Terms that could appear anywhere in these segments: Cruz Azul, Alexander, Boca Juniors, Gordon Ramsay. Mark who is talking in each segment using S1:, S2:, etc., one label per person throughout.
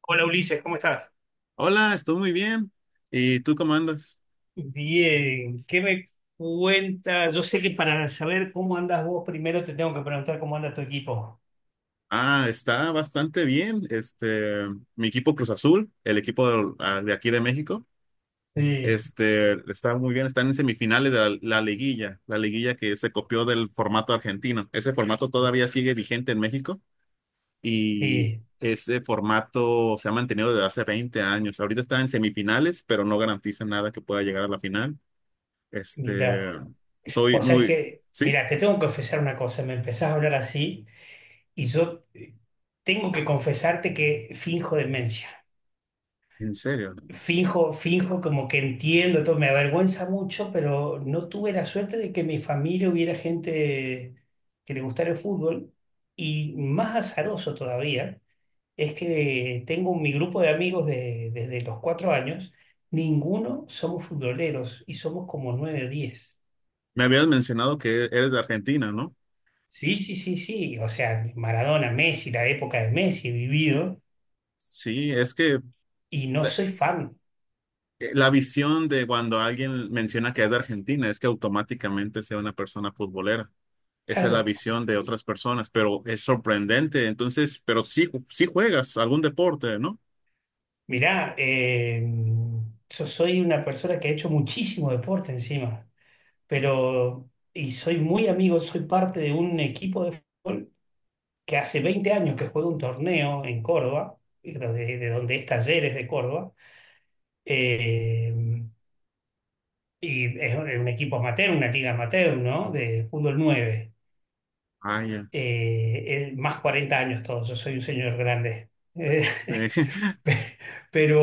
S1: Hola Ulises, ¿cómo estás?
S2: Hola, estoy muy bien. ¿Y tú cómo andas?
S1: Bien, ¿qué me cuentas? Yo sé que para saber cómo andas vos, primero te tengo que preguntar cómo anda tu equipo.
S2: Ah, está bastante bien. Mi equipo Cruz Azul, el equipo de, de aquí de México,
S1: Sí,
S2: está muy bien. Están en semifinales de la liguilla, la liguilla que se copió del formato argentino. Ese formato todavía sigue vigente en México y
S1: sí,
S2: ese formato se ha mantenido desde hace 20 años. Ahorita está en semifinales, pero no garantiza nada que pueda llegar a la final.
S1: mira,
S2: Este, soy
S1: vos sabés
S2: muy,
S1: que,
S2: sí,
S1: mira, te tengo que confesar una cosa, me empezás a hablar así y yo tengo que confesarte que finjo demencia,
S2: en serio.
S1: finjo como que entiendo todo, me avergüenza mucho, pero no tuve la suerte de que en mi familia hubiera gente que le gustara el fútbol y más azaroso todavía. Es que tengo mi grupo de amigos desde los 4 años, ninguno somos futboleros y somos como nueve o diez.
S2: Me habías mencionado que eres de Argentina, ¿no?
S1: Sí, sí, sí, sí. O sea, Maradona, Messi, la época de Messi he vivido
S2: Sí, es que
S1: y no
S2: la
S1: soy fan.
S2: la visión de cuando alguien menciona que es de Argentina es que automáticamente sea una persona futbolera. Esa es la
S1: Claro.
S2: visión de otras personas, pero es sorprendente. Entonces, pero sí, sí juegas algún deporte, ¿no?
S1: Mirá, yo soy una persona que ha hecho muchísimo deporte encima, pero y soy muy amigo, soy parte de un equipo que hace 20 años que juega un torneo en Córdoba, de donde es Talleres de Córdoba. Eh, y es un equipo amateur, una liga amateur, ¿no? De fútbol nueve.
S2: Ah, ya.
S1: Más 40 años todos, yo soy un señor grande. Eh,
S2: Sí.
S1: pero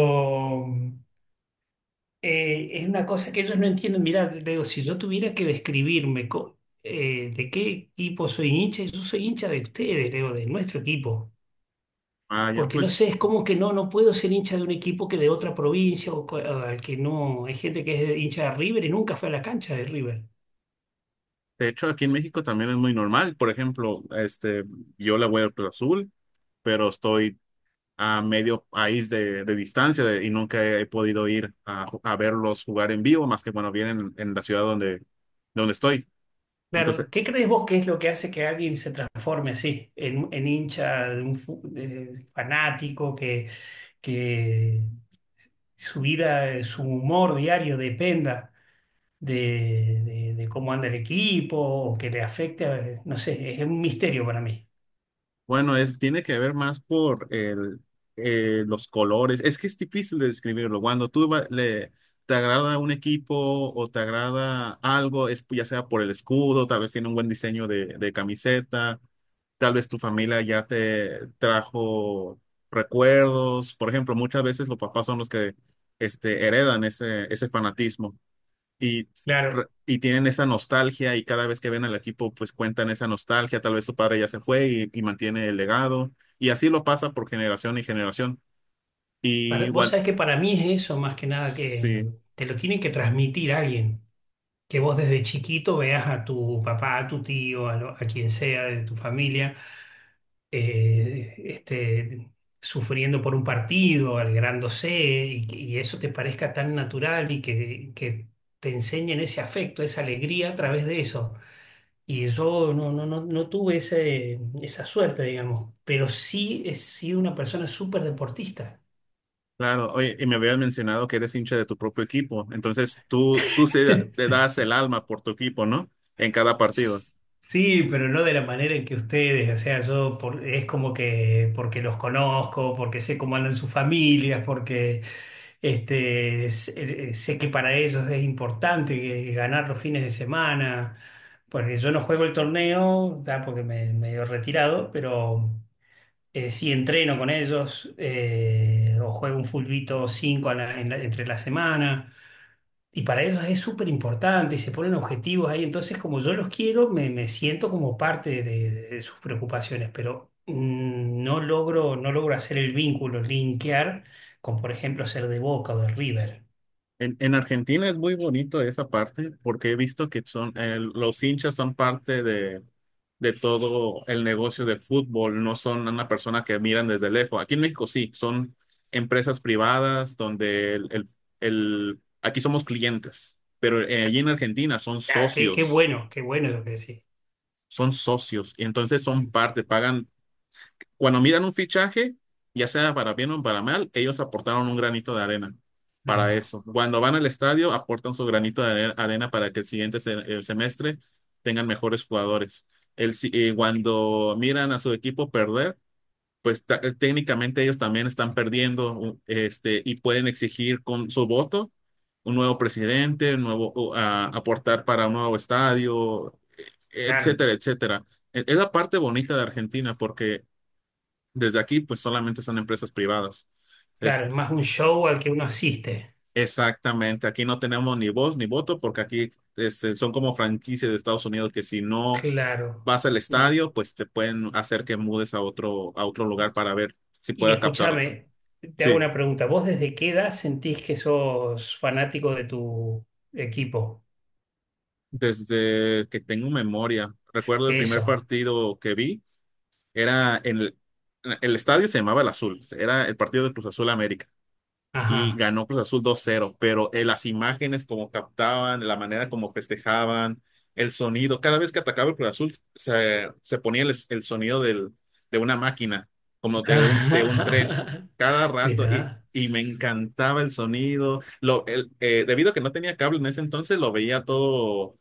S1: es una cosa que ellos no entienden. Mirá, le digo, si yo tuviera que describirme de qué equipo soy hincha, yo soy hincha de ustedes, le digo, de nuestro equipo.
S2: Ah, ya,
S1: Porque no sé,
S2: pues,
S1: es como que no, no puedo ser hincha de un equipo que de otra provincia o al que no. Hay gente que es hincha de River y nunca fue a la cancha de River.
S2: de hecho, aquí en México también es muy normal. Por ejemplo, yo le voy al Cruz Azul, pero estoy a medio país de distancia y nunca he podido ir a, a verlos jugar en vivo, más que bueno, vienen en la ciudad donde estoy. Entonces,
S1: Claro, ¿qué crees vos que es lo que hace que alguien se transforme así, en hincha, de un de fanático, que su vida, su humor diario dependa de, de cómo anda el equipo o que le afecte? No sé, es un misterio para mí.
S2: bueno, es, tiene que ver más por el, los colores. Es que es difícil de describirlo. Cuando tú le, te agrada un equipo o te agrada algo, es ya sea por el escudo, tal vez tiene un buen diseño de camiseta. Tal vez tu familia ya te trajo recuerdos. Por ejemplo, muchas veces los papás son los que heredan ese fanatismo y,
S1: Claro,
S2: y tienen esa nostalgia y cada vez que ven al equipo, pues cuentan esa nostalgia. Tal vez su padre ya se fue y mantiene el legado. Y así lo pasa por generación y generación. Y
S1: vos
S2: igual,
S1: sabés que para mí es eso más que nada que
S2: sí,
S1: te lo tiene que transmitir alguien, que vos desde chiquito veas a tu papá, a tu tío, a, a quien sea de tu familia. eh, este, Sufriendo por un partido, alegrándose, y, y eso te parezca tan natural y que te enseñen ese afecto, esa alegría a través de eso. Y yo no, no, no, no tuve ese, esa suerte, digamos, pero sí he sido una persona súper deportista.
S2: claro. Oye, y me habías mencionado que eres hincha de tu propio equipo. Entonces, tú te das el alma por tu equipo, ¿no? En cada partido.
S1: Sí, pero no de la manera en que ustedes, o sea, yo es como que porque los conozco, porque sé cómo andan sus familias, porque sé, sé que para ellos es importante ganar los fines de semana, porque yo no juego el torneo, ya porque me medio retirado, pero sí entreno con ellos o juego un fulbito 5 entre la semana. Y para ellos es súper importante y se ponen objetivos ahí. Entonces, como yo los quiero, me siento como parte de sus preocupaciones, pero no logro, no logro hacer el vínculo, linkear con, por ejemplo, ser de Boca o de River.
S2: En Argentina es muy bonito esa parte porque he visto que son los hinchas son parte de todo el negocio de fútbol, no son una persona que miran desde lejos. Aquí en México sí, son empresas privadas donde aquí somos clientes, pero allí en Argentina
S1: Ah, qué, qué bueno lo que decís.
S2: son socios y entonces son
S1: Mm,
S2: parte, pagan cuando miran un fichaje, ya sea para bien o para mal, ellos aportaron un granito de arena
S1: no,
S2: para
S1: no,
S2: eso. Cuando van al estadio, aportan su granito de arena para que el siguiente el semestre tengan mejores jugadores. El, cuando miran a su equipo perder, pues técnicamente ellos también están perdiendo y pueden exigir con su voto un nuevo presidente, un nuevo, o, aportar para un nuevo estadio,
S1: claro,
S2: etcétera, etcétera. Es la parte bonita de Argentina porque desde aquí, pues solamente son empresas privadas.
S1: claro, es
S2: Este,
S1: más un show al que uno asiste.
S2: exactamente, aquí no tenemos ni voz ni voto porque aquí son como franquicias de Estados Unidos que si no
S1: Claro.
S2: vas al
S1: Bien.
S2: estadio, pues te pueden hacer que mudes a otro lugar para ver si
S1: Y
S2: pueda captar otro.
S1: escúchame, te hago
S2: Sí,
S1: una pregunta. ¿Vos desde qué edad sentís que sos fanático de tu equipo?
S2: desde que tengo memoria, recuerdo el primer
S1: Eso.
S2: partido que vi, era en el estadio se llamaba El Azul, era el partido de Cruz Azul América. Y
S1: Ajá.
S2: ganó Cruz Azul 2-0, pero las imágenes como captaban, la manera como festejaban, el sonido, cada vez que atacaba el Cruz Azul se ponía el sonido de una máquina, como de un tren, cada rato y,
S1: Mirá,
S2: y me encantaba el sonido. Lo, el, debido a que no tenía cable en ese entonces, lo veía todo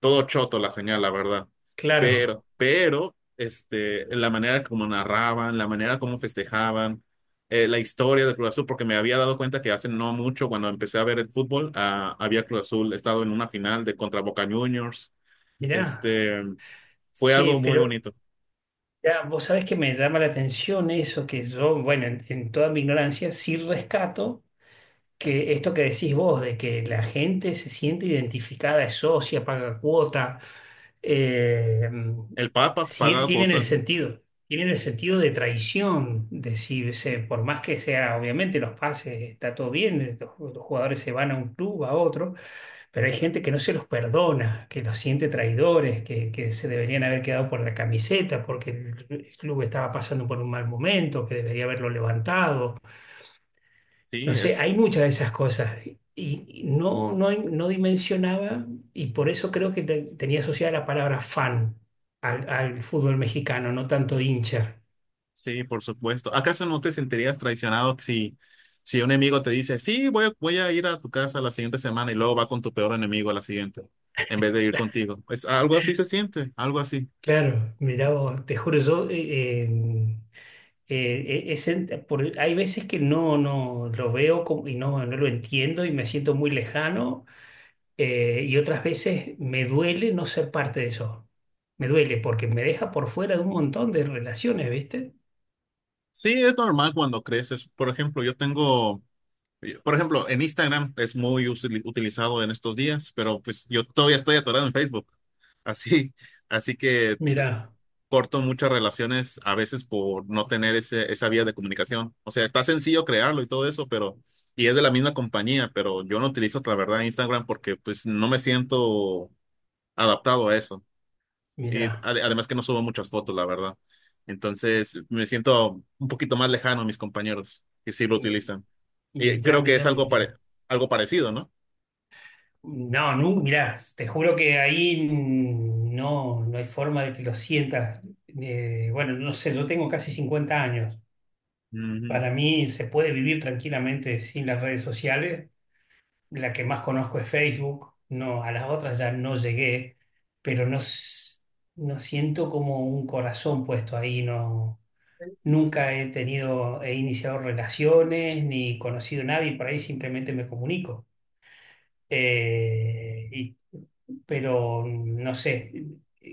S2: todo choto la señal, la verdad.
S1: claro,
S2: Pero, la manera como narraban, la manera como festejaban, la historia de Cruz Azul, porque me había dado cuenta que hace no mucho, cuando empecé a ver el fútbol, había Cruz Azul estado en una final de contra Boca Juniors.
S1: mirá.
S2: Este, fue
S1: Che,
S2: algo muy
S1: pero
S2: bonito.
S1: ya, vos sabés que me llama la atención eso que yo, bueno, en toda mi ignorancia, sí rescato que esto que decís vos, de que la gente se siente identificada, es socia, paga cuota, eh,
S2: El Papa
S1: sí
S2: pagaba cuota.
S1: tienen el sentido de traición, de si se- por más que sea, obviamente los pases está todo bien, los jugadores se van a un club, a otro. Pero hay gente que no se los perdona, que los siente traidores, que se deberían haber quedado por la camiseta porque el club estaba pasando por un mal momento, que debería haberlo levantado.
S2: Sí,
S1: No sé, hay
S2: es
S1: muchas de esas cosas. Y no, no, no dimensionaba, y por eso creo que tenía asociada la palabra fan al, al fútbol mexicano, no tanto hincha.
S2: Sí, por supuesto. ¿Acaso no te sentirías traicionado si, si un enemigo te dice, sí, voy a ir a tu casa la siguiente semana y luego va con tu peor enemigo a la siguiente, en vez de ir contigo? Es algo así se siente, algo así.
S1: Claro, mirá vos, te juro, yo hay veces que no, no lo veo y no, no lo entiendo y me siento muy lejano y otras veces me duele no ser parte de eso. Me duele porque me deja por fuera de un montón de relaciones, ¿viste?
S2: Sí, es normal cuando creces. Por ejemplo, yo tengo, por ejemplo, en Instagram es muy utilizado en estos días, pero pues yo todavía estoy atorado en Facebook. Así, así que
S1: Mirá,
S2: corto muchas relaciones a veces por no tener ese, esa vía de comunicación. O sea, está sencillo crearlo y todo eso, pero, y es de la misma compañía, pero yo no utilizo, la verdad, Instagram porque pues no me siento adaptado a eso. Y
S1: mirá,
S2: además que no subo muchas fotos, la verdad. Entonces, me siento un poquito más lejano a mis compañeros que sí lo
S1: mi-
S2: utilizan. Y
S1: mirá,
S2: creo que es
S1: mirá,
S2: algo, pare-
S1: mirá.
S2: algo parecido, ¿no?
S1: No, no, mirá, te juro que ahí no, no hay forma de que lo sientas. Bueno, no sé, yo tengo casi 50 años.
S2: Ujú.
S1: Para mí se puede vivir tranquilamente sin las redes sociales. La que más conozco es Facebook. No, a las otras ya no llegué, pero no, no siento como un corazón puesto ahí. No, nunca he tenido, he iniciado relaciones ni conocido a nadie, por ahí simplemente me comunico. Eh, y- pero no sé,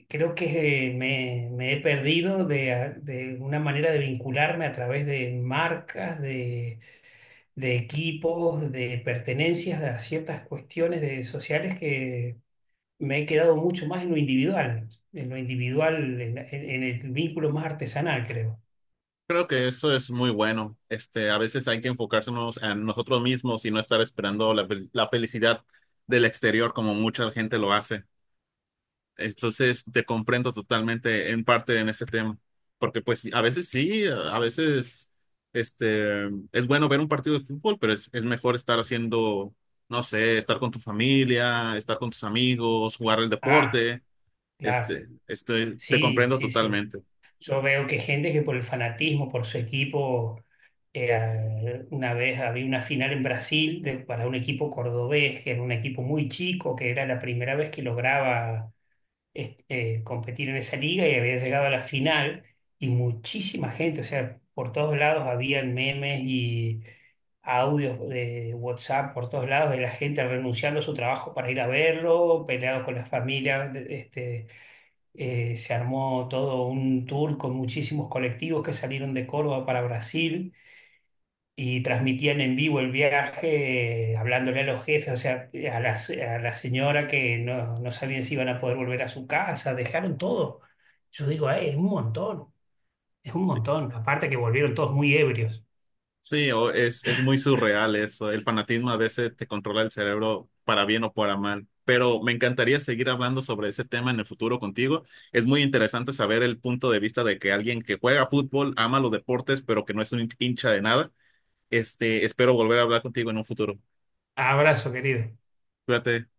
S1: creo que me he perdido de una manera de vincularme a través de marcas, de equipos, de pertenencias a ciertas cuestiones de, sociales que me he quedado mucho más en lo individual, en lo individual, en, en el vínculo más artesanal, creo.
S2: Creo que eso es muy bueno. A veces hay que enfocarse en nosotros mismos y no estar esperando la felicidad del exterior como mucha gente lo hace. Entonces, te comprendo totalmente en parte en ese tema, porque pues a veces sí, a veces este, es bueno ver un partido de fútbol, pero es mejor estar haciendo, no sé, estar con tu familia, estar con tus amigos, jugar el
S1: Ah,
S2: deporte.
S1: claro.
S2: Te
S1: Sí,
S2: comprendo
S1: sí, sí.
S2: totalmente.
S1: Yo veo que gente que por el fanatismo, por su equipo, una vez había una final en Brasil para un equipo cordobés, que era un equipo muy chico, que era la primera vez que lograba competir en esa liga y había llegado a la final y muchísima gente, o sea, por todos lados habían memes y audios de WhatsApp por todos lados de la gente renunciando a su trabajo para ir a verlo, peleado con las familias, se armó todo un tour con muchísimos colectivos que salieron de Córdoba para Brasil y transmitían en vivo el viaje, hablándole a los jefes, o sea, a la, a la señora que no, no sabían si iban a poder volver a su casa, dejaron todo. Yo digo, "Ay, es un montón, es un montón". Aparte que volvieron todos muy ebrios.
S2: Sí, es muy surreal eso. El fanatismo a veces te controla el cerebro para bien o para mal. Pero me encantaría seguir hablando sobre ese tema en el futuro contigo. Es muy interesante saber el punto de vista de que alguien que juega fútbol, ama los deportes, pero que no es un hincha de nada. Espero volver a hablar contigo en un futuro.
S1: Abrazo, querido.
S2: Cuídate.